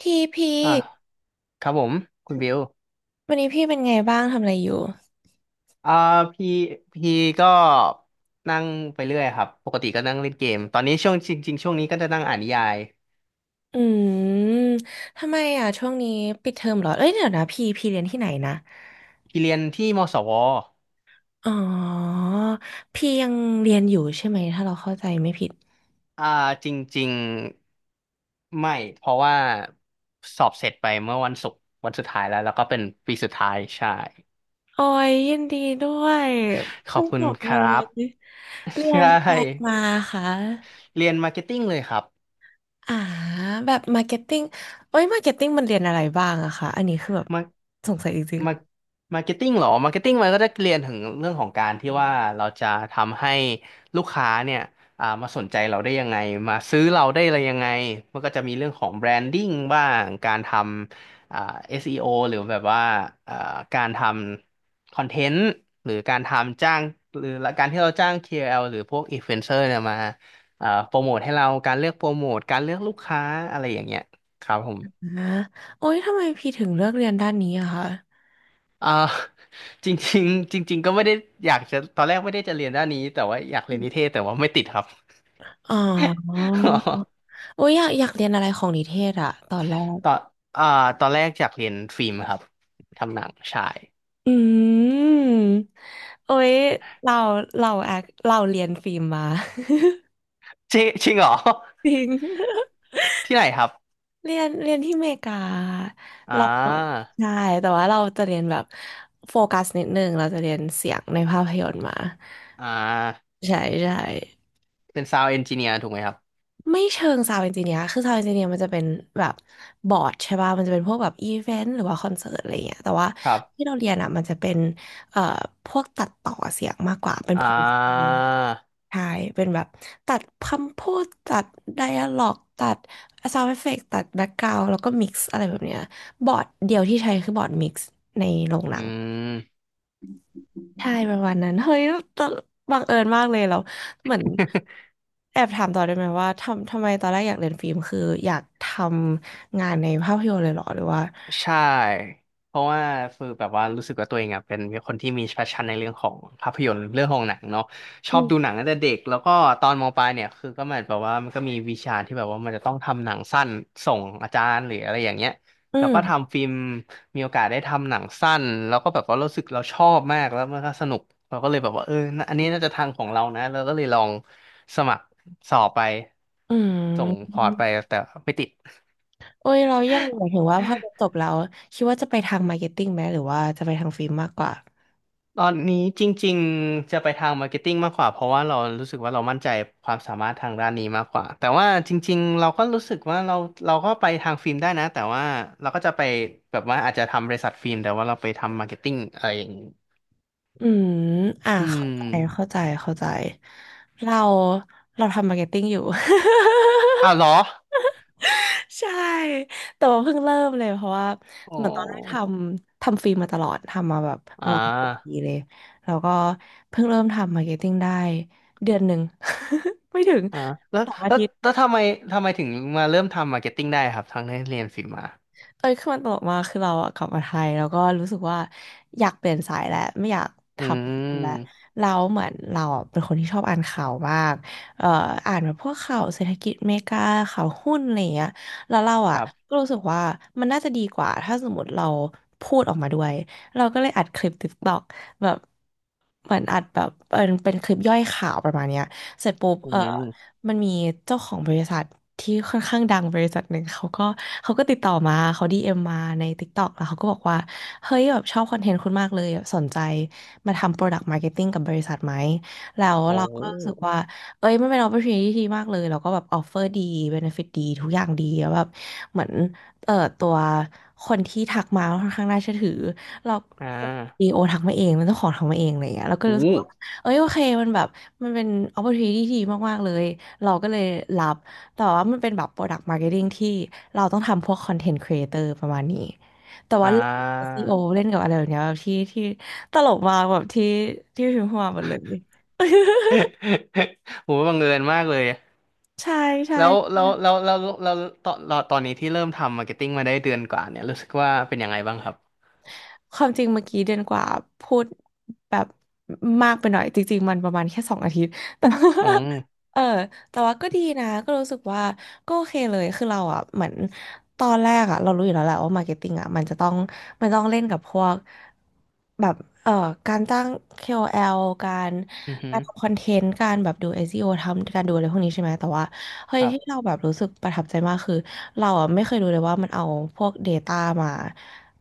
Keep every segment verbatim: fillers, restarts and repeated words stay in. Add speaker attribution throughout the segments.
Speaker 1: ทีพี
Speaker 2: อ่ะครับผมคุณบิว
Speaker 1: วันนี้พี่เป็นไงบ้างทำอะไรอยู่
Speaker 2: อ่าพี่พี่ก็นั่งไปเรื่อยครับปกติก็นั่งเล่นเกมตอนนี้ช่วงจริงๆช่วงนี้ก็จะนั่งอ่านนิยาย
Speaker 1: อืมทำไมอ่ะช่วงนี้ปิดเทอมเหรอเอ้ยเดี๋ยวนะพี่พี่เรียนที่ไหนนะ
Speaker 2: พี่เรียนที่มศว
Speaker 1: อ๋อพี่ยังเรียนอยู่ใช่ไหมถ้าเราเข้าใจไม่ผิด
Speaker 2: อ่าจริงๆไม่เพราะว่าสอบเสร็จไปเมื่อวันศุกร์วันสุดท้ายแล้วแล้วก็เป็นปีสุดท้ายใช่
Speaker 1: โอ้ยยินดีด้วย
Speaker 2: ขอ
Speaker 1: เพิ่
Speaker 2: บ
Speaker 1: ง
Speaker 2: คุ
Speaker 1: จ
Speaker 2: ณ
Speaker 1: บ
Speaker 2: ค
Speaker 1: เล
Speaker 2: รับ
Speaker 1: ยเรี ย
Speaker 2: ใช่
Speaker 1: นอะไรมาคะ
Speaker 2: เรียนมาร์เก็ตติ้งเลยครับ
Speaker 1: อ่าแบบมาร์เก็ตติ้งโอ้ยมาร์เก็ตติ้งมันเรียนอะไรบ้างอะคะอันนี้คือแบบ
Speaker 2: มา
Speaker 1: สงสัยจริง
Speaker 2: มามาร์เก็ตติ้งเหรอมาร์เก็ตติ้งมันก็จะเรียนถึงเรื่องของการที่ว่าเราจะทำให้ลูกค้าเนี่ยอ่ามาสนใจเราได้ยังไงมาซื้อเราได้อะไรยังไงมันก็จะมีเรื่องของแบรนดิ้งบ้างการทำอ่า s e อโอหรือแบบว่าอ่าการทำคอนเทนต์หรือการทำจ้างหรือการที่เราจ้าง k อ l หรือพวกอินฟลูเอนเซอร์เนี่ยมาอ่าโปรโมทให้เราการเลือกโปรโมทการเลือกลูกค้าอะไรอย่างเงี้ยครับผม
Speaker 1: ๆนะโอ้ยทำไมพี่ถึงเลือกเรียนด้านนี้อะคะ
Speaker 2: อ่า จริงๆจริงๆก็ไม่ได้อยากจะตอนแรกไม่ได้จะเรียนด้านนี้แต่ว่าอยากเรียนนิเทศแต่ว่าไม่ติดครับ
Speaker 1: อ๋อ โอ้ยอยากอยากเรียนอะไรของนิเทศอะตอนแรก
Speaker 2: ตอนอ่าตอนแรกอยากเรียนฟิล์มครับทำหนังใชาย
Speaker 1: อืมโอ้ยเราเราแอคเราเรียนฟิล์มมา
Speaker 2: จริงจริงเหรอ
Speaker 1: จริง
Speaker 2: ที่ไหนครับ
Speaker 1: เรียนเรียนที่อเมริกา
Speaker 2: อ่
Speaker 1: เรา
Speaker 2: า
Speaker 1: ใช่แต่ว่าเราจะเรียนแบบโฟกัสนิดนึงเราจะเรียนเสียงในภาพยนตร์มา
Speaker 2: อ่า
Speaker 1: ใช่ใช่
Speaker 2: เป็นซาว n d เอนจิเนียร์ถูกไหมครับ
Speaker 1: ไม่เชิงซาวด์เอนจิเนียร์คือซาวด์เอนจิเนียร์มันจะเป็นแบบบอร์ดใช่ป่ะมันจะเป็นพวกแบบอีเวนต์หรือว่าคอนเสิร์ตอะไรเงี้ยแต่ว่า
Speaker 2: ครั
Speaker 1: ที่
Speaker 2: บ
Speaker 1: เราเรียนอ่ะมันจะเป็นเอ่อพวกตัดต่อเสียงมากกว่า เป็น
Speaker 2: อ่
Speaker 1: โพสต์
Speaker 2: า
Speaker 1: ใช่ เป็นแบบตัดคำพูดตัดไดอะล็อกตัดซาวด์เอฟเฟกต์ตัดแบ็กกราวด์แล้วก็มิกซ์อะไรแบบเนี้ยบอร์ดเดียวที่ใช้คือบอร์ดมิกซ์ในโรงหนั
Speaker 2: อื
Speaker 1: ง
Speaker 2: ม
Speaker 1: ใช่ประมาณนั้นเฮ้ยตอนบังเอิญมากเลยเราเหมือนแอบถามต่อได้ไหมว่าทำทำไมตอนแรกอยากเรียนฟิล์มคืออยากทำงานในภาพยนตร์เลยเหรอหรือว่า
Speaker 2: ใช่เพราะว่าคือแบบว่ารู้สึกว่าตัวเองอ่ะเป็นคนที่มี passion ในเรื่องของภาพยนตร์เรื่องของหนังเนาะช
Speaker 1: อื
Speaker 2: อบดูหนั
Speaker 1: ม
Speaker 2: งตั้งแต่เด็กแล้วก็ตอนมปลายเนี่ยคือก็เหมือนแบบว่ามันก็มีวิชาที่แบบว่ามันจะต้องทำหนังสั้นส่งอาจารย์หรืออะไรอย่างเงี้ย
Speaker 1: อื
Speaker 2: แล้วก็
Speaker 1: ม
Speaker 2: ทำฟิล์มมีโอกาสได้ทำหนังสั้นแล้วก็แบบว่ารู้สึกเราชอบมากแล้วมันก็สนุกเราก็เลยแบบว่าเออน่ะอันนี้น่าจะทางของเรานะเราก็เลยลองสมัครสอบไป
Speaker 1: อื
Speaker 2: ส่ง
Speaker 1: ม
Speaker 2: พอร์ตไปแต่ไม่ติด
Speaker 1: โอ้ยเรายังหมายถึงว่าพอเรียนจบแล้วคิดว่าจะไปทางมาร์เก็ตติ้งไหมหรือว่าจะไปทางฟิล์มมากกว่า
Speaker 2: ตอนนี้จริงๆจะไปทางมาร์เก็ตติ้งมากกว่าเพราะว่าเรารู้สึกว่าเรามั่นใจความสามารถทางด้านนี้มากกว่าแต่ว่าจริงๆเราก็รู้สึกว่าเราเราก็ไปทางฟิล์มได้นะแต่ว่าเราก็จะไปแบบว่าอาจจะทำบริษัทฟิล์มแต่ว่าเราไปทำมาร์เก็ตติ้งอะไรอย่างนี้
Speaker 1: อืมอ่า
Speaker 2: อื
Speaker 1: เข้าใจ
Speaker 2: ม
Speaker 1: เข้าใจเข้าใจเรา เราทำมาร์เก็ตติ้งอยู่
Speaker 2: อ้าว เหรอ
Speaker 1: ใช่แต่ว่าเพิ่งเริ่มเลยเพราะว่า
Speaker 2: โอ้
Speaker 1: เหมือนตอนแรกท
Speaker 2: อ
Speaker 1: ำทำฟิล์มมาตลอดทำมาแบบป
Speaker 2: ่
Speaker 1: ระมาณสอ
Speaker 2: า
Speaker 1: ปีเลยแล้วก็เพิ่งเริ่มทำมาร์เก็ตติ้งได้เดือนหนึ่ง ไม่ถึง
Speaker 2: อ่าแล้ว
Speaker 1: สองอา
Speaker 2: แล้ว
Speaker 1: ทิตย์
Speaker 2: แล้วทำไมทำไมถึงมาเริ่มทำมาร์เก็ตติ้งได้ครับทั้งที่เรียนฟิล์มมา
Speaker 1: เอ้ยคือมันตลกมากคือเราอะกลับมาไทยแล้วก็รู้สึกว่าอยากเปลี่ยนสายแล้วไม่อยากท
Speaker 2: อื
Speaker 1: ำแล้ว
Speaker 2: ม
Speaker 1: เราเหมือนเราอะเป็นคนที่ชอบอ่านข่าวมากเอ่ออ่านแบบพวกข่าวเศรษฐกิจอเมริกาข่าวหุ้นอะไรอย่างเงี้ยแล้วเรา
Speaker 2: ค
Speaker 1: อะ
Speaker 2: รับ
Speaker 1: ก็รู้สึกว่ามันน่าจะดีกว่าถ้าสมมติเราพูดออกมาด้วยเราก็เลยอัดคลิป t i k t อ k แบบเหมือนอัดแบบเป็นเป็นคลิปย่อยข่าวประมาณเนี้ย เสร็จปุ๊บ
Speaker 2: อื
Speaker 1: เออ
Speaker 2: ม
Speaker 1: มันมีเจ้าของบริษัทที่ค่อนข้างดังบริษัทหนึ่งเขาก็เขาก็ติดต่อมาเขาดีเอ็มมาใน TikTok แล้วเขาก็บอกว่า เฮ้ยแบบชอบคอนเทนต์คุณมากเลยแบบสนใจมาทำ Product Marketing กับบริษัทไหมแล้ว
Speaker 2: โอ้
Speaker 1: เราก็รู้สึกว่าเอ้ยมันเป็น opportunity ที่ดีมากเลยแล้วก็แบบออฟเฟอร์ดี benefit ดีทุกอย่างดีแล้วแบบเหมือนเอ่อตัวคนที่ทักมาค่อนข้างน่าเชื่อถือเรา
Speaker 2: อ่
Speaker 1: ดี
Speaker 2: า
Speaker 1: โอทักมาเอง มันต้องขอทักมาเองอะไรอย่างเงี้ยแล้วก็เล
Speaker 2: โอ้
Speaker 1: ยรู้สึกว่า เอ้ยโอเค มันแบบ มันเป็น opportunity ที่ดีมากๆเลย เราก็เลยรับ แต่ว่ามันเป็นแบบ product marketing ที่เราต้องทำพวก content creator ประมาณนี้ แต่
Speaker 2: อ่
Speaker 1: ว่าเล่นกับ เอส อี โอ
Speaker 2: า
Speaker 1: เล่นกับอะไรแบบเนี้ยแบบที่ที่ตลกมากแบบที่ที่พิมพ์เข้ามาหมดเลย
Speaker 2: โหบังเอิญมากเลย
Speaker 1: ใช่ใช่
Speaker 2: แล้วแล้วแล้วแล้วแล้วตอนตอนนี้ที่เริ่มทำมาร์เก็ตติ้งมาได้เดือนกว่าเนี่ย รู้สึกว่าเป็นยังไงบ้างครับ
Speaker 1: ความจริงเมื่อกี้เดือนกว่าพูดแบบมากไปหน่อยจริงๆมันประมาณแค่สองอาทิตย์ แต่
Speaker 2: อืม
Speaker 1: เออแต่ว่าก็ดีนะก็รู้สึกว่าก็โอเคเลยคือเราอ่ะเหมือนตอนแรกอ่ะเรารู้อยู่แล้วแหละว่ามาร์เก็ตติ้งอ่ะมันจะต้องมันต้องเล่นกับพวกแบบเอ่อการตั้ง เค โอ แอล การ
Speaker 2: อือหื
Speaker 1: กา
Speaker 2: อ
Speaker 1: รทำคอนเทนต์การแบบดู เอส อี โอ ทำการดูอะไรพวกนี้ใช่ไหมแต่ว่าเฮ้
Speaker 2: ค
Speaker 1: ย
Speaker 2: รับ
Speaker 1: ที่เราแบบรู้สึกประทับใจมากคือเราอ่ะไม่เคยรู้เลยว่ามันเอาพวก Data มา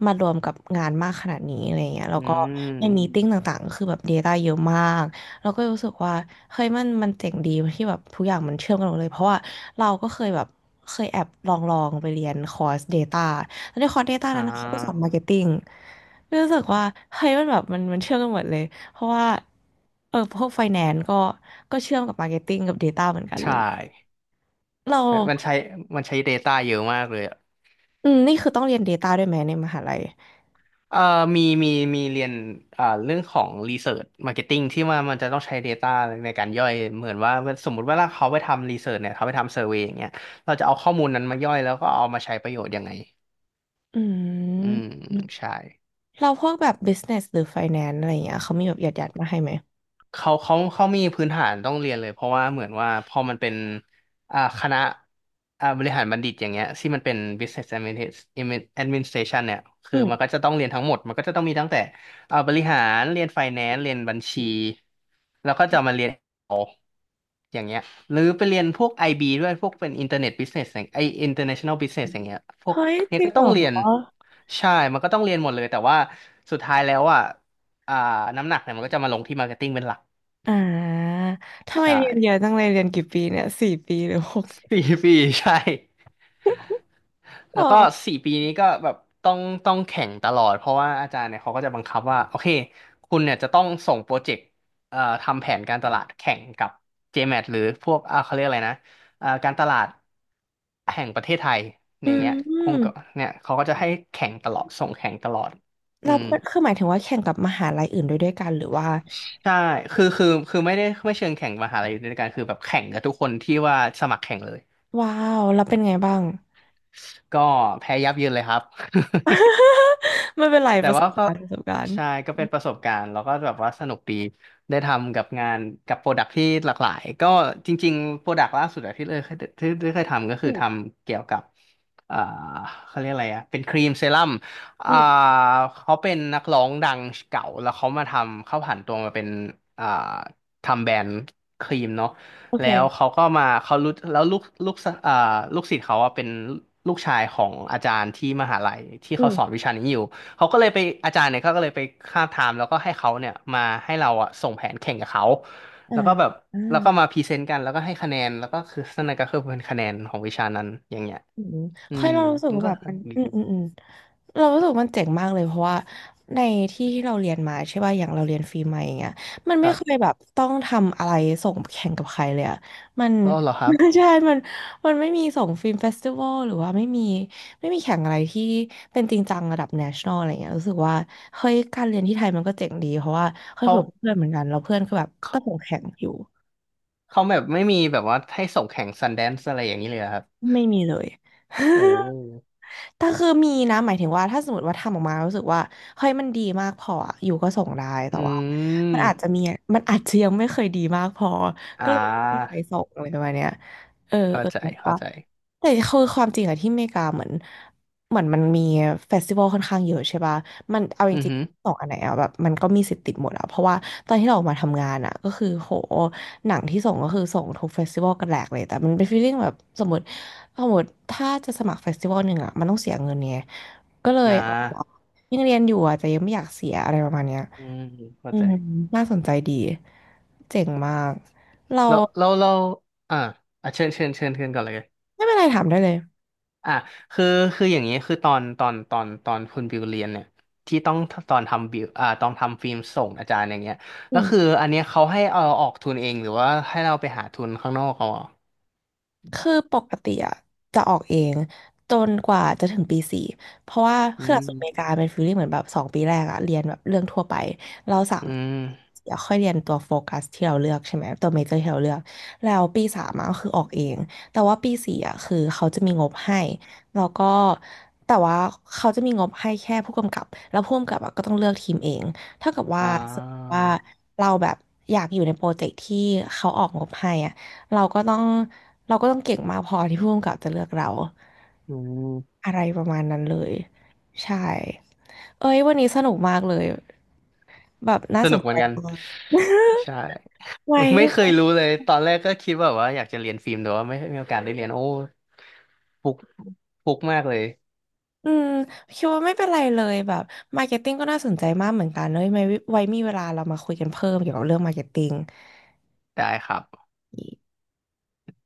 Speaker 1: มารวมกับงานมากขนาดนี้อะไรเงี้ยแล้ว
Speaker 2: อื
Speaker 1: ก็ในมี
Speaker 2: ม
Speaker 1: ติ้งต่างๆก็คือแบบ Data เยอะมาก เราก็รู้สึกว่าเฮ้ยมันมันเจ๋งดีที่แบบทุกอย่างมันเชื่อมกันหมดเลยเพราะว่าเราก็เคยแบบเคยแอบลองลองไปเรียนคอร์ส Data แล้วในคอร์ส Data
Speaker 2: อ่
Speaker 1: นั้นนะเขาก็สอนมา
Speaker 2: า
Speaker 1: ร์เก็ตติ้งรู้สึกว่าเฮ้ยมันแบบมันมันเชื่อมกันหมดเลยเพราะว่าเออพวกไฟแนนซ์ก็ก็เชื่อมกับมาร์เก็ตติ้งกับ Data เหมือนกัน
Speaker 2: ใช
Speaker 1: เลย
Speaker 2: ่
Speaker 1: เรา
Speaker 2: มันใช้มันใช้ Data เยอะมากเลยอะ
Speaker 1: อืมนี่คือต้องเรียน ดาต้า ด้วยไหมในมหาลัย
Speaker 2: เอ่อมีมีมีเรียนอ่าเรื่องของ Research Marketing ที่ว่ามันจะต้องใช้ Data ในการย่อย เหมือนว่าสมมุติว่าเขาไปทำ Research เนี่ยเขาไปทำ Survey อย่างเงี้ยเราจะเอาข้อมูลนั้นมาย่อยแล้วก็เอามาใช้ประโยชน์ยังไง
Speaker 1: อื
Speaker 2: อืม
Speaker 1: ม
Speaker 2: ใช่
Speaker 1: เราพวกแบบ บิสเนส หรือ ไฟแนนซ์ อะไรอย่างเงี้ยเขามีแบบหยัดๆมาให้ไหม
Speaker 2: เขาเขาเขามีพื้นฐานต้องเรียนเลยเพราะว่าเหมือนว่าพอมันเป็นอ่าคณะอ่าบริหารบัณฑิตอย่างเงี้ยที่มันเป็น Business Administ- Administration เนี่ยคื
Speaker 1: อื
Speaker 2: อมันก็
Speaker 1: ม
Speaker 2: จะต้องเรียนทั้งหมดมันก็จะต้องมีตั้งแต่อ่าบริหารเรียน Finance เรียนบัญชีแล้วก็จะมาเรียนเอาอย่างเงี้ยหรือไปเรียนพวกไอบีด้วยพวกเป็น Internet Business อย่างไอ International Business อย่างเงี้ยพวก
Speaker 1: เฮ้ยจ
Speaker 2: เนี้ย
Speaker 1: ริง
Speaker 2: ก็
Speaker 1: เห
Speaker 2: ต้
Speaker 1: ร
Speaker 2: อง
Speaker 1: อ
Speaker 2: เรียนใช่มันก็ต้องเรียนหมดเลยแต่ว่าสุดท้ายแล้วอ่ะอ่าน้ำหนักเนี่ยมันก็จะมาลงที่ Marketing เป็นหลัก
Speaker 1: อ่า ทำไม
Speaker 2: ใช่
Speaker 1: เรียนเยอะจังเลยเรียนกี่ปีเนี่ยสี่ปีหรือหกปี
Speaker 2: สี่ปีใช่
Speaker 1: อ๋
Speaker 2: แล้
Speaker 1: อ
Speaker 2: วก็สี่ปีนี้ก็แบบต้องต้องแข่งตลอดเพราะว่าอาจารย์เนี่ยเขาก็จะบังคับว่าโอเคคุณเนี่ยจะต้องส่งโปรเจกต์เอ่อทำแผนการตลาดแข่งกับ เจ เอ็ม เอ ที หรือพวกอ่าเขาเรียกอะไรนะเอ่อการตลาดแห่งประเทศไทยอ
Speaker 1: อื
Speaker 2: ย่างเงี้ยองค์กร
Speaker 1: ม
Speaker 2: เนี่ยเขาก็จะให้แข่งตลอดส่งแข่งตลอดอื
Speaker 1: เรา
Speaker 2: ม
Speaker 1: เป็นคือหมายถึงว่าแข่งกับมหาลัยอื่นด้วยด้วยกันหรือว่า
Speaker 2: ใช่คือคือคือไม่ได้ไม่เชิงแข่งมหาลัยอยู่ด้วยกันคือแบบแข่งกับทุกคนที่ว่าสมัครแข่งเลย
Speaker 1: ว้าวเราเป็นไงบ้าง
Speaker 2: ก็แพ้ยับเยินเลยครับ
Speaker 1: ไม่ เป็นไร
Speaker 2: แต่
Speaker 1: ประส
Speaker 2: ว่า
Speaker 1: บ
Speaker 2: ก็
Speaker 1: การณ์ประสบการณ์
Speaker 2: ใช่ก็เป็นประสบการณ์แล้วก็แบบว่าสนุกดีได้ทำกับงานกับโปรดักที่หลากหลายก็จริงๆโปรดักล่าสุดอะที่เลยเคยที่ที่เคยทำก็คื
Speaker 1: อื
Speaker 2: อ
Speaker 1: ม
Speaker 2: ทำเกี่ยวกับอ่าเขาเรียกอะไรอะเป็นครีมเซรั่ม
Speaker 1: อื
Speaker 2: อ่า
Speaker 1: ม
Speaker 2: เขาเป็นนักร้องดังเก่าแล้วเขามาทำเขาผันตัวมาเป็นอ่าทำแบรนด์ครีมเนาะ
Speaker 1: โอเค
Speaker 2: แล้วเขาก็มาเขารู้แล้วลูกลูกสะอ่าลูกศิษย์เขาอะเป็นลูกชายของอาจารย์ที่มหาลัยที่
Speaker 1: อื
Speaker 2: เขาสอน
Speaker 1: ม
Speaker 2: วิชานี้อยู่ เขาก็เลยไปอาจารย์เนี่ยเขาก็เลยไปคาบถามแล้วก็ให้เขาเนี่ยมาให้เราอะส่งแผนแข่งกับเขา
Speaker 1: อ่า
Speaker 2: แล้วก็แบบ
Speaker 1: อ่า
Speaker 2: แล้วก็มาพรีเซนต์กันแล้วก็ให้คะแนนแล้วก็คือนั่นก็คือเป็นคะแนนของวิชานั้นอย่างเงี้ย
Speaker 1: อืม
Speaker 2: อื
Speaker 1: ค่อย
Speaker 2: ม
Speaker 1: เรารู้สึก
Speaker 2: มัน
Speaker 1: ว่า
Speaker 2: ก็
Speaker 1: แบบ
Speaker 2: ส
Speaker 1: มัน
Speaker 2: นุกดี
Speaker 1: อืมอืมอืมเรารู้สึกว่ามันเจ๋งมากเลยเพราะว่าในที่ที่เราเรียนมาใช่ป่ะอย่างเราเรียนฟรีมาอย่างเงี้ยมัน
Speaker 2: ค
Speaker 1: ไม่
Speaker 2: รั
Speaker 1: เคย
Speaker 2: บ
Speaker 1: แบบต้องทำอะไรส่งแข่งกับใครเลยอะมัน
Speaker 2: อ๋อเหรอครับ
Speaker 1: ใช่มันมันไม่มีส่งฟิล์มเฟสติวัลหรือว่าไม่มีไม่มีแข่งอะไรที่เป็นจริงจังระดับ แนชันนอล อะไรเงี้ยรู้สึกว่าเฮ้ยการเรียนที่ไทยมันก็เจ๋งดีเพราะว่าเคย
Speaker 2: เขา
Speaker 1: คุยกับเพื่อนเหมือนกันแล้วเพื่อนก็แบบ
Speaker 2: เขา
Speaker 1: ก็ส่งแข่งอยู่
Speaker 2: เขาแบบไม่มีแบบว่าให้ส่งแข่งซันแดนซ์อะไรอย่างนี้เลยเหรอครับ
Speaker 1: ไม่มีเลย
Speaker 2: โอ้
Speaker 1: แต่คือมีนะหมายถึงว่าถ้าสมมติว่าทำออกมารู้สึกว่าเฮ้ยมันดีมากพออะอยู่ก็ส่งได้
Speaker 2: อื
Speaker 1: แต่ว่ามันอาจจะ
Speaker 2: ม
Speaker 1: มีมันอาจจะยังไม่เคยดีมากพอ
Speaker 2: อ่
Speaker 1: ก็เลยไม่มีใค
Speaker 2: า
Speaker 1: รส่งอะไรประมาณเนี้ยเออ
Speaker 2: เข้า
Speaker 1: เออ
Speaker 2: ใจ
Speaker 1: แต่
Speaker 2: เข้า
Speaker 1: ว่า
Speaker 2: ใจ
Speaker 1: แต่คือความจริงอะที่อเมริกาเหมือนเหมือนมันมีเฟสติวัลค่อนข้างเยอะใช่ป่ะมันเอาจ
Speaker 2: อือ
Speaker 1: ริง
Speaker 2: หือ
Speaker 1: ๆสองอันไหนอะแบบมันก็มีสิทธิ์ติดหมดอะเพราะว่าตอนที่เราออกมาทำงานอะก็คือโหหนังที่ส่งก็คือส่งทุกเฟสติวัลกันแหลกเลยแต่มันเป็นฟีลลิ่งแบบสมมติ เอาหมดถ้าจะสมัครเฟสติวัลหนึ่งอ่ะมันต้องเสียเงินไงก็เล
Speaker 2: อ่
Speaker 1: ยอ
Speaker 2: า
Speaker 1: อยังเรียนอยู่อ่ะแต่ยังไม่อยากเสียอะไรประมาณเนี้ย
Speaker 2: อืมเข้า
Speaker 1: อื
Speaker 2: ใจ
Speaker 1: มน่าสนใจดี เจ๋งมาก เรา
Speaker 2: แล้วแล้วเราอ่าอ่ะเชิญเชิญเชิญเชิญก่อนเลย
Speaker 1: ไม่เป็นไรถามได้เลย
Speaker 2: อ่ะคือคืออย่างนี้คือตอนตอนตอนตอนคุณบิวเรียนเนี่ยที่ต้องตอนทำบิวอ่าตอนทำฟิล์มส่งอาจารย์อย่างเงี้ย
Speaker 1: อื
Speaker 2: แล้วคือ
Speaker 1: ม
Speaker 2: อันเนี้ยเขาให้เอาออกทุนเองหรือว่าให้เราไปหาทุนข้างนอกเขาอ่ะ
Speaker 1: คือปกติอะจะออกเองจนกว่าจะถึงปีสี่เพราะว่า
Speaker 2: อื
Speaker 1: คือหลักสูตรอเม
Speaker 2: ม
Speaker 1: ริกาเป็นฟีลลิ่งเหมือนแบบสองปีแรกอะเรียนแบบเรื่องทั่วไปเราสาม
Speaker 2: อืม
Speaker 1: เดี๋ยวค่อยเรียนตัวโฟกัสที่เราเลือกใช่ไหมตัวเมเจอร์ที่เราเลือกแล้วปีสามอะก็คือออกเองแต่ว่าปีสี่อะคือเขาจะมีงบให้แล้วก็แต่ว่าเขาจะมีงบให้แค่ผู้กำกับแล้วผู้กำกับอะก็ต้องเลือกทีมเองเท่ากับว่า
Speaker 2: อ่า
Speaker 1: สมมติว่าเราแบบอยากอยู่ในโปรเจกต์ที่เขาออกงบให้อะ เราก็ต้องเราก็ต้องเก่งมากพอที่ผู้กำกับจะเลือกเรา
Speaker 2: อืม
Speaker 1: อะไรประมาณนั้นเลยใช่เอ้ยวันนี้สนุกมากเลยแบบน่า
Speaker 2: ส
Speaker 1: ส
Speaker 2: นุ
Speaker 1: น
Speaker 2: กเห
Speaker 1: ใจ
Speaker 2: มือนกัน
Speaker 1: มาก
Speaker 2: ใช่
Speaker 1: ไว้
Speaker 2: ไม่เคยรู้เลยตอนแรกก็คิดแบบว่าอยากจะเรียนฟิล์มแต่ว่าไม่มีโอกาสได้เรียนโอ้ฟุกฟุกมากเลย
Speaker 1: อืมคิดว่าไม่เป็นไรเลยแบบมาร์เก็ตติ้งก็น่าสนใจมากเหมือนกันเนอะไว้ไว้มีเวลาเรามาคุยกันเพิ่มเกี่ยวกับเรื่องมาร์เก็ตติ้ง
Speaker 2: ได้ครับ